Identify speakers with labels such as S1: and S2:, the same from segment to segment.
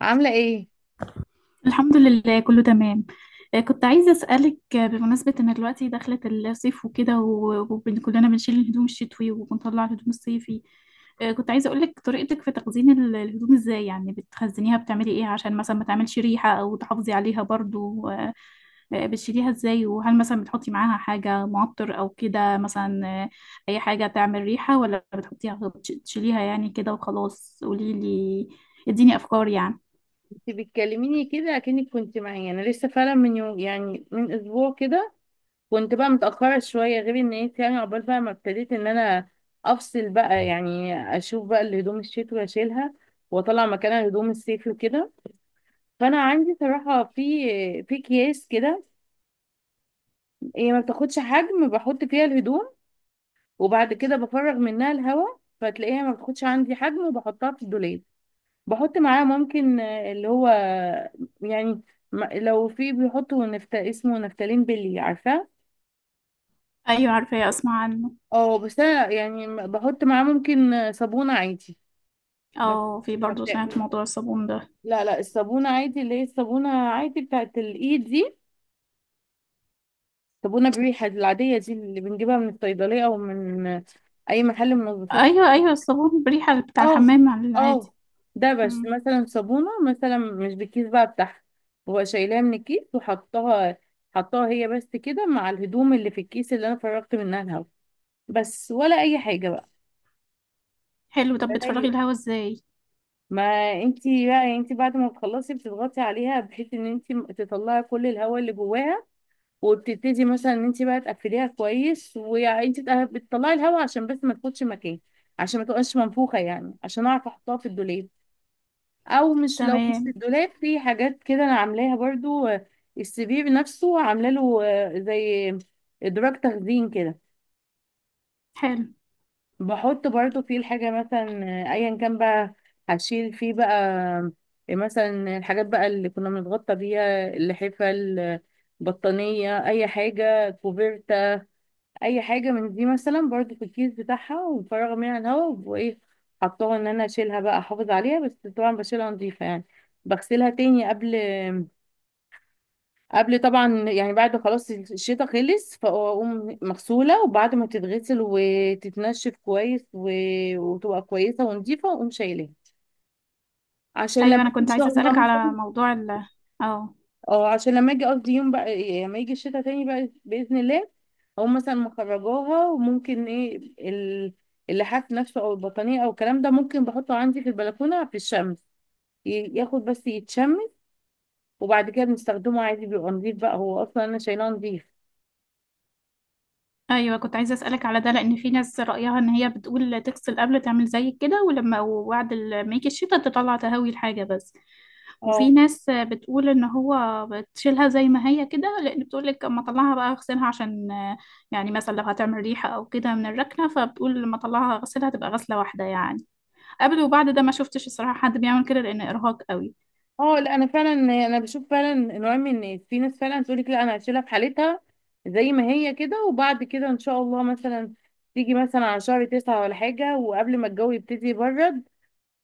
S1: عاملة ايه؟
S2: الحمد لله، كله تمام. كنت عايزة أسألك، بمناسبة إن دلوقتي دخلت الصيف وكده، وكلنا بنشيل الهدوم الشتوي وبنطلع الهدوم الصيفي. كنت عايزة أقولك طريقتك في تخزين الهدوم إزاي، يعني بتخزنيها بتعملي إيه عشان مثلا ما تعملش ريحة أو تحافظي عليها برضو؟ بتشيليها إزاي؟ وهل مثلا بتحطي معاها حاجة معطر أو كده مثلا؟ أي حاجة تعمل ريحة؟ ولا بتحطيها تشيليها يعني كده وخلاص؟ قوليلي، اديني أفكار يعني.
S1: انت بتكلميني كده اكنك كنت معايا، انا لسه فعلا من يوم، يعني من اسبوع كده. كنت بقى متأخرة شوية، غير ان انت يعني عقبال بقى ما ابتديت ان انا افصل بقى، يعني اشوف بقى الهدوم الشتوي اشيلها واطلع مكانها هدوم الصيف وكده. فانا عندي صراحة في اكياس كده، هي ما بتاخدش حجم، بحط فيها الهدوم وبعد كده بفرغ منها الهواء، فتلاقيها ما بتاخدش عندي حجم وبحطها في الدولاب. بحط معاه ممكن اللي هو يعني لو في بيحطوا اسمه نفتالين، بلي عارفاه.
S2: أيوة، عارفة، أسمع عنه.
S1: اه، بس انا يعني بحط معاه ممكن صابونة عادي. بس
S2: اه في
S1: ما
S2: برضه سمعت
S1: بت...
S2: موضوع الصابون ده.
S1: لا لا، الصابونة عادي، اللي هي الصابونة عادي بتاعت الايد دي، صابونة بريحة العادية دي اللي بنجيبها من الصيدلية او من اي محل منظفات.
S2: ايوه، ايوه، الصابون بريحة بتاع
S1: اه
S2: الحمام على العادي.
S1: اه، دبش
S2: مم.
S1: مثلا صابونة، مثلا مش بالكيس بقى بتاعها، ببقى شايلاها من الكيس وحطاها، حطاها هي بس كده مع الهدوم اللي في الكيس اللي انا فرغت منها الهوا بس ولا اي حاجة بقى.
S2: حلو. طب
S1: ولا
S2: بتفرغي
S1: أي-
S2: الهوا ازاي؟
S1: ما انتي بقى، انتي بعد ما بتخلصي بتضغطي عليها بحيث ان انتي تطلعي كل الهواء اللي جواها، وبتبتدي مثلا ان انتي بقى تقفليها كويس وانتي بتطلعي الهواء عشان بس ما تاخدش مكان، عشان ما تبقاش منفوخة، يعني عشان اعرف احطها في الدولاب. او مش لو مش في
S2: تمام.
S1: الدولاب، في حاجات كده انا عاملاها برضو. السي في نفسه عامله له زي ادراج تخزين كده.
S2: حلو.
S1: بحط برضو فيه الحاجه مثلا، ايا كان بقى هشيل فيه بقى، مثلا الحاجات بقى اللي كنا بنتغطى بيها، اللحفه، البطانيه، اي حاجه، كوفيرتا، اي حاجه من دي مثلا برضو في الكيس بتاعها ومفرغه منها الهواء وايه، حطاها ان انا اشيلها بقى احافظ عليها. بس طبعا بشيلها نظيفه يعني، بغسلها تاني قبل طبعا، يعني بعد خلاص الشتاء خلص، فاقوم مغسوله وبعد ما تتغسل وتتنشف كويس و... وتبقى كويسه ونضيفه، واقوم شايلاها عشان لما
S2: ايوه، انا
S1: ان
S2: كنت عايزة
S1: شاء الله
S2: اسألك على
S1: مثلا،
S2: موضوع ال اه
S1: اه عشان لما اجي قصدي يوم بقى لما يجي الشتاء تاني بقى باذن الله، اقوم مثلا مخرجاها، وممكن ايه اللحاف نفسه او البطانيه او الكلام ده، ممكن بحطه عندي في البلكونه في الشمس ياخد بس يتشمس، وبعد كده بنستخدمه عادي، بيبقى نضيف بقى، هو اصلا انا شايلاه نضيف.
S2: ايوه، كنت عايزة اسألك على ده، لان في ناس رأيها ان هي بتقول تغسل قبل تعمل زي كده، ولما وبعد ما يجي الشتا تطلع تهوي الحاجة بس. وفي
S1: آه.
S2: ناس بتقول ان هو بتشيلها زي ما هي كده، لان بتقول لك اما اطلعها بقى اغسلها عشان، يعني مثلا لو هتعمل ريحه او كده من الركنه، فبتقول لما اطلعها اغسلها تبقى غسله واحده، يعني قبل وبعد. ده ما شفتش الصراحه حد بيعمل كده، لان ارهاق قوي.
S1: اه، لا انا فعلا، انا بشوف فعلا نوع من الناس، في ناس فعلا تقول لك لا انا هشيلها في حالتها زي ما هي كده، وبعد كده ان شاء الله مثلا تيجي مثلا على شهر تسعة ولا حاجة وقبل ما الجو يبتدي يبرد،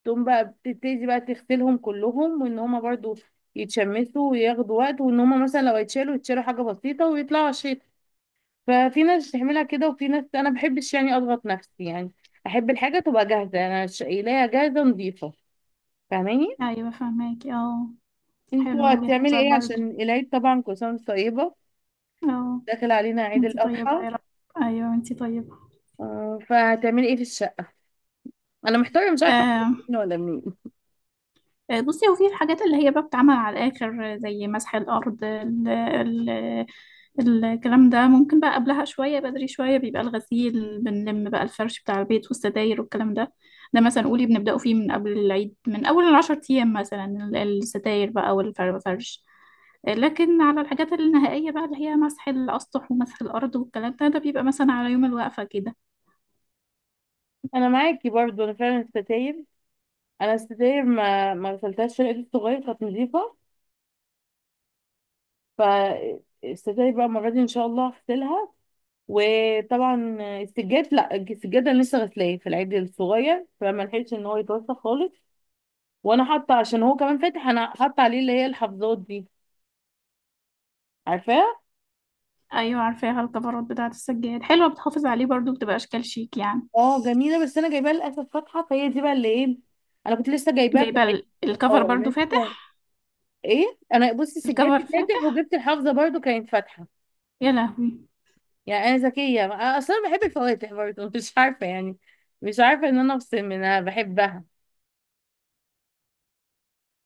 S1: تقوم بقى بتبتدي بقى تغسلهم كلهم، وان هما برضو يتشمسوا وياخدوا وقت، وان هما مثلا لو يتشالوا، يتشالوا حاجة بسيطة، ويطلعوا على الشتا. ففي ناس تعملها كده، وفي ناس انا بحبش يعني اضغط نفسي، يعني احب الحاجة تبقى جاهزة، انا شايلاها جاهزة نظيفة. فاهماني؟
S2: ايوه، فهماكي، اه.
S1: انتوا
S2: حلو، وجهه
S1: هتعملي
S2: نظر
S1: ايه
S2: برضه.
S1: عشان العيد؟ طبعا كل سنه وانت طيبه،
S2: اه.
S1: داخل علينا عيد
S2: انتي طيبه
S1: الاضحى.
S2: يا رب. ايوه، انتي طيبه.
S1: فهتعملي ايه في الشقه؟ انا محتاره، مش عارفه أبدأ
S2: آه.
S1: منين ولا منين.
S2: بصي، هو في الحاجات اللي هي بقى بتتعمل على الآخر، زي مسح الأرض، ال ال الكلام ده ممكن بقى قبلها شوية بدري شوية، بيبقى الغسيل بنلم بقى الفرش بتاع البيت والستاير والكلام ده. ده مثلا قولي بنبدأه فيه من قبل العيد، من أول العشر أيام مثلا، الستاير بقى والفرش. لكن على الحاجات النهائية بقى، اللي هي مسح الأسطح ومسح الأرض والكلام ده، ده بيبقى مثلا على يوم الوقفة كده.
S1: انا معاكي برضو، انا فعلا الستاير، انا الستاير ما غسلتهاش في العيد الصغير، كانت نظيفه، فالستاير بقى المره دي ان شاء الله هغسلها. وطبعا السجاد، لا السجاد انا لسه غسلاه في العيد الصغير فما لحقتش ان هو يتوسخ خالص، وانا حاطه عشان هو كمان فاتح، انا حاطه عليه اللي هي الحفاظات دي، عارفاه؟
S2: أيوة، عارفاها، الكفرات بتاعة السجاد حلوة، بتحافظ عليه برضو، بتبقى أشكال شيك يعني.
S1: اه جميله، بس انا جايباها للاسف فاتحه، فهي دي بقى اللي ايه، انا كنت لسه جايباها في
S2: جايبة
S1: العيد.
S2: الكفر
S1: اه
S2: برضو
S1: انا لسه
S2: فاتح؟
S1: ايه، انا بصي
S2: الكفر
S1: سجادي فاتح
S2: فاتح؟
S1: وجبت الحافظه برضو كانت فاتحه،
S2: يا لهوي.
S1: يعني انا ذكيه، أنا اصلا بحب الفواتح برضو. مش عارفه يعني، مش عارفه ان انا افصل منها، بحبها.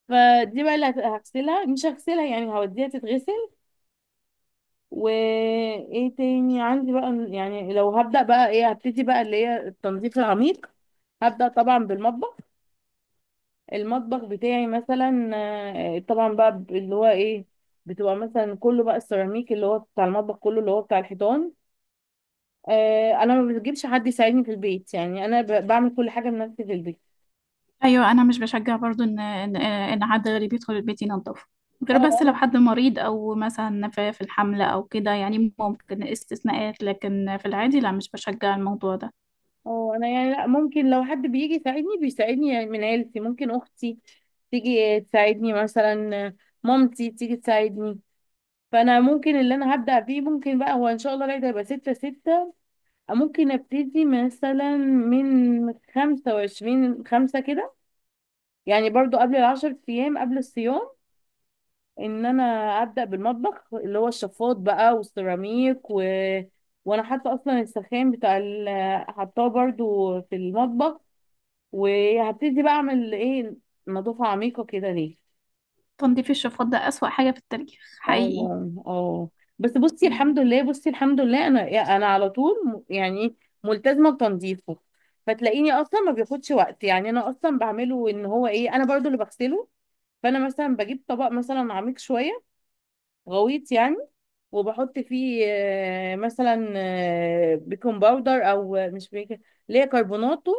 S1: فدي بقى اللي هغسلها، مش هغسلها يعني، هوديها تتغسل. وايه تاني عندي بقى، يعني لو هبدأ بقى ايه، هبتدي بقى اللي هي التنظيف العميق، هبدأ طبعا بالمطبخ. المطبخ بتاعي مثلا، طبعا بقى اللي هو ايه، بتبقى مثلا كله بقى السيراميك اللي هو بتاع المطبخ كله اللي هو بتاع الحيطان. انا ما بجيبش حد يساعدني في البيت، يعني انا بعمل كل حاجه بنفسي في البيت.
S2: أيوة، أنا مش بشجع برضو إن حد غريب يدخل البيت ينضفه، غير
S1: اه
S2: بس لو
S1: انا،
S2: حد مريض أو مثلا في الحملة أو كده، يعني ممكن استثناءات، لكن في العادي لا، مش بشجع الموضوع ده.
S1: اه انا يعني لا، ممكن لو حد بيجي يساعدني بيساعدني يعني من عيلتي، ممكن اختي تيجي تساعدني مثلا، مامتي تيجي تساعدني. فانا ممكن اللي انا هبدأ فيه، ممكن بقى هو ان شاء الله العيد هيبقى 6/6، ممكن ابتدي مثلا من 25/5 كده، يعني برضو قبل العشر ايام، قبل الصيام، ان انا ابدا بالمطبخ، اللي هو الشفاط بقى والسيراميك و... وانا حاطه اصلا السخان بتاع ال... حطاه برضو في المطبخ، وهبتدي بقى اعمل ايه، نظافه عميقه كده ليه.
S2: تنظيف الشفاط ده أسوأ حاجة في التاريخ، حقيقي.
S1: اه اه، بس بصي الحمد
S2: مم.
S1: لله، بصي الحمد لله انا، انا على طول يعني ملتزمه بتنظيفه، فتلاقيني اصلا ما بياخدش وقت، يعني انا اصلا بعمله ان هو ايه، انا برضو اللي بغسله. فانا مثلا بجيب طبق مثلا عميق شويه، غويط يعني، وبحط فيه مثلا بيكنج باودر او مش بيكنج، اللي هي كربوناتو،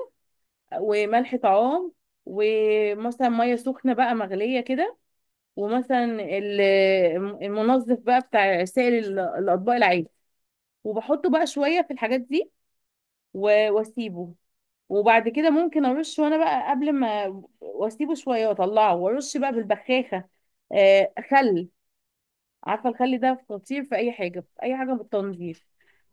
S1: وملح طعام ومثلا ميه سخنه بقى مغليه كده، ومثلا ال- المنظف بقى بتاع سائل الاطباق العادي، وبحطه بقى شويه في الحاجات دي واسيبه. وبعد كده ممكن ارش، وانا بقى قبل ما واسيبه شويه واطلعه، وارش بقى بالبخاخه خل، عارفه الخل ده خطير في اي حاجه، في اي حاجه بالتنظيف،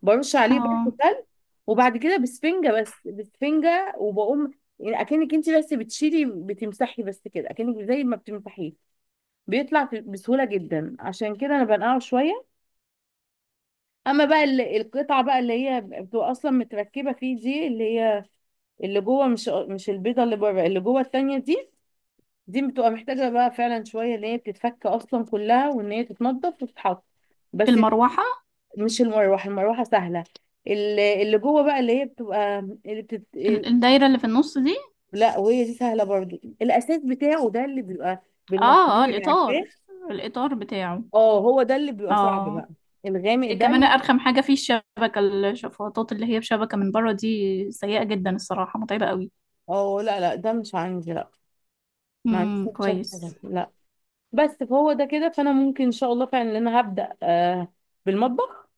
S1: برش عليه
S2: اه،
S1: برضه خل. وبعد كده بسفنجه، بس بسفنجه وبقوم، يعني اكنك انت بس بتشيلي بتمسحي بس كده، اكنك زي ما بتمسحيه بيطلع بسهولة جدا، عشان كده انا بنقعه شوية. اما بقى القطعة بقى اللي هي بتبقى اصلا متركبة فيه دي، اللي هي اللي جوه، مش البيضة اللي بره، اللي جوه التانية دي، دي بتبقى محتاجة بقى فعلا شوية، ان هي بتتفك اصلا كلها وان هي تتنضف وتتحط بس.
S2: المروحة.
S1: مش المروحة، المروحة سهلة. اللي جوه بقى اللي هي بتبقى، اللي بتت...
S2: الدايرة اللي في النص دي؟
S1: لا وهي دي سهلة برضو، الاساس بتاعه ده اللي بيبقى
S2: اه، اه،
S1: بالمصانير،
S2: الإطار.
S1: عارفاه؟
S2: الإطار بتاعه.
S1: اه هو ده اللي بيبقى صعب
S2: اه.
S1: بقى، الغامق ده.
S2: كمان ارخم حاجه فيه الشبكه، الشفاطات اللي هي بشبكه من بره دي سيئه جدا الصراحه، متعبه قوي.
S1: اه لا لا، ده مش عندي، لا، ما عنديش
S2: كويس.
S1: حاجة، لا. بس فهو ده كده، فانا ممكن ان شاء الله فعلا إن انا هبدأ بالمطبخ،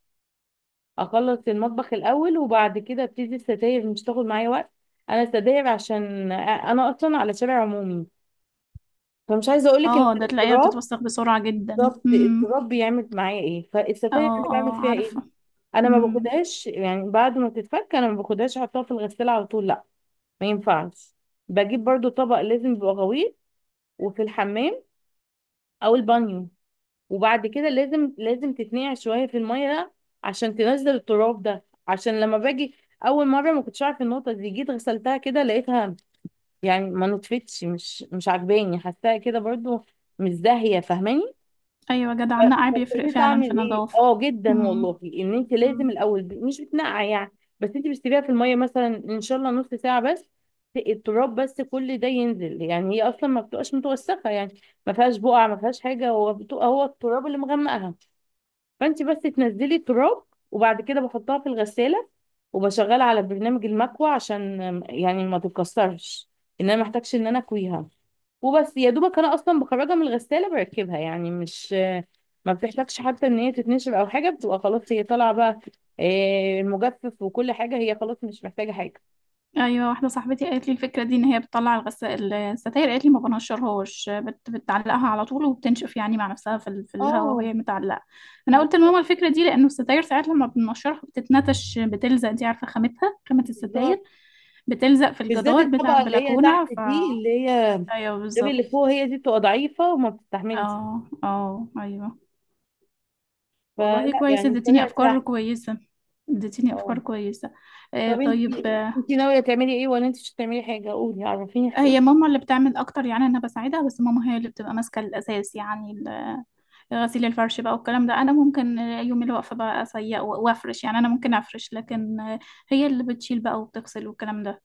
S1: اخلص المطبخ الاول، وبعد كده ابتدي الستاير، مش تاخد معايا وقت. انا الستاير عشان انا اصلا على شارع عمومي، فمش عايزه اقول لك،
S2: اه، ده تلاقيها
S1: التراب،
S2: بتتوسخ بسرعه جدا.
S1: التراب
S2: امم.
S1: التراب بيعمل معايا ايه، فالستاير
S2: اه،
S1: انا بعمل
S2: اه،
S1: فيها ايه،
S2: عارفه.
S1: انا ما
S2: امم.
S1: باخدهاش يعني بعد ما تتفك، انا ما باخدهاش احطها في الغساله على طول، لا، ما ينفعش. بجيب برضو طبق لازم يبقى غويط وفي الحمام او البانيو، وبعد كده لازم تتنقع شويه في الميه، ده عشان تنزل التراب، ده عشان لما باجي، اول مره ما كنتش عارف النقطه دي، جيت غسلتها كده لقيتها يعني ما نطفتش، مش عجباني، حاساها كده برضو مش زاهيه، فاهماني؟
S2: ايوه، جدع، النقع بيفرق
S1: ابتديت
S2: فعلا
S1: اعمل
S2: في
S1: ايه،
S2: النظافه.
S1: اه جدا والله، ان انت لازم
S2: امم.
S1: الاول مش بتنقع يعني، بس انت بتسيبيها في الميه مثلا ان شاء الله نص ساعه بس، التراب بس كل ده ينزل، يعني هي اصلا ما بتبقاش متوسخه، يعني ما فيهاش بقع، ما فيهاش حاجه، هو بتبقى هو التراب اللي مغمقها، فانت بس تنزلي التراب. وبعد كده بحطها في الغسالة وبشغلها على برنامج المكوى عشان يعني ما تتكسرش، ان انا محتاجش ان انا اكويها. وبس يا دوبك انا اصلا بخرجها من الغسالة بركبها، يعني مش، ما بتحتاجش حتى ان هي تتنشر او حاجة، بتبقى خلاص هي طالعة بقى، المجفف وكل حاجة هي خلاص مش محتاجة حاجة.
S2: ايوه، واحده صاحبتي قالت لي الفكره دي، ان هي بتطلع الغسالة الستاير، قالت لي ما بنشرهاش، بتعلقها على طول وبتنشف يعني مع نفسها في الهواء
S1: اه
S2: وهي متعلقه. انا قلت لماما الفكره دي، لانه الستاير ساعات لما بنشرها بتتنتش، بتلزق، انت عارفه خامتها، خامه
S1: بالظبط،
S2: الستاير بتلزق في
S1: بالذات
S2: الجدار بتاع
S1: الطبقة اللي هي
S2: البلكونه
S1: تحت
S2: ف
S1: دي، اللي هي
S2: ايوه،
S1: غير اللي
S2: بالظبط.
S1: فوق، هي دي بتبقى ضعيفة وما بتستحملش،
S2: اه، اه، ايوه. والله
S1: فلا
S2: كويس،
S1: يعني
S2: اديتيني
S1: الطريقة دي.
S2: افكار كويسه، اديتيني
S1: اه
S2: افكار كويسه. آه،
S1: طب انت
S2: طيب.
S1: انت ناويه تعملي ايه، ولا انت مش هتعملي حاجه؟ قولي عرفيني حقولي.
S2: هي ماما اللي بتعمل اكتر، يعني انا بساعدها بس، ماما هي اللي بتبقى ماسكه الاساس، يعني غسيل الفرش بقى والكلام ده، انا ممكن يوم الوقفه بقى اسيق وافرش، يعني انا ممكن افرش لكن هي اللي بتشيل بقى وبتغسل والكلام ده.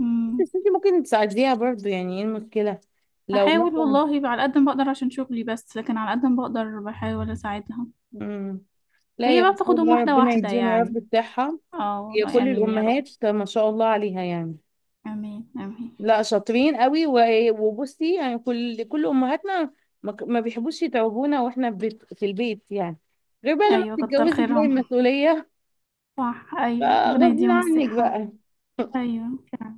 S2: امم.
S1: بس انت ممكن تساعديها برضو، يعني ايه المشكله لو
S2: بحاول
S1: مثلا.
S2: والله بقى على قد ما بقدر عشان شغلي، بس لكن على قد ما بقدر بحاول اساعدها.
S1: مم. لا
S2: هي
S1: يا
S2: بقى
S1: ما شاء
S2: بتاخدهم
S1: الله،
S2: واحده
S1: ربنا
S2: واحده
S1: يديهم يا رب
S2: يعني.
S1: بتاعها،
S2: اه،
S1: هي
S2: والله
S1: كل
S2: امين يا رب.
S1: الامهات ما شاء الله عليها يعني،
S2: امين، امين.
S1: لا شاطرين قوي، وبصي يعني كل امهاتنا ما بيحبوش يتعبونا واحنا في البيت يعني، غير بقى لما
S2: ايوه، كتر
S1: بتتجوزي تلاقي
S2: خيرهم.
S1: المسؤوليه،
S2: صح، ايوه، ربنا
S1: فغصب
S2: يديهم
S1: عنك
S2: الصحه.
S1: بقى.
S2: ايوه، فعلا.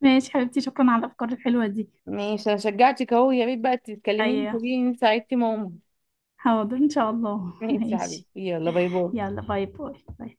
S2: ماشي حبيبتي، شكرا على الافكار الحلوه دي.
S1: ماشي، انا شجعتك اهو، يا ريت بقى تتكلميني
S2: ايوه.
S1: تقولي لي ان ساعدتي ماما.
S2: حاضر ان شاء الله.
S1: ماشي يا
S2: ماشي.
S1: حبيبتي، يلا باي باي.
S2: يلا، باي باي باي.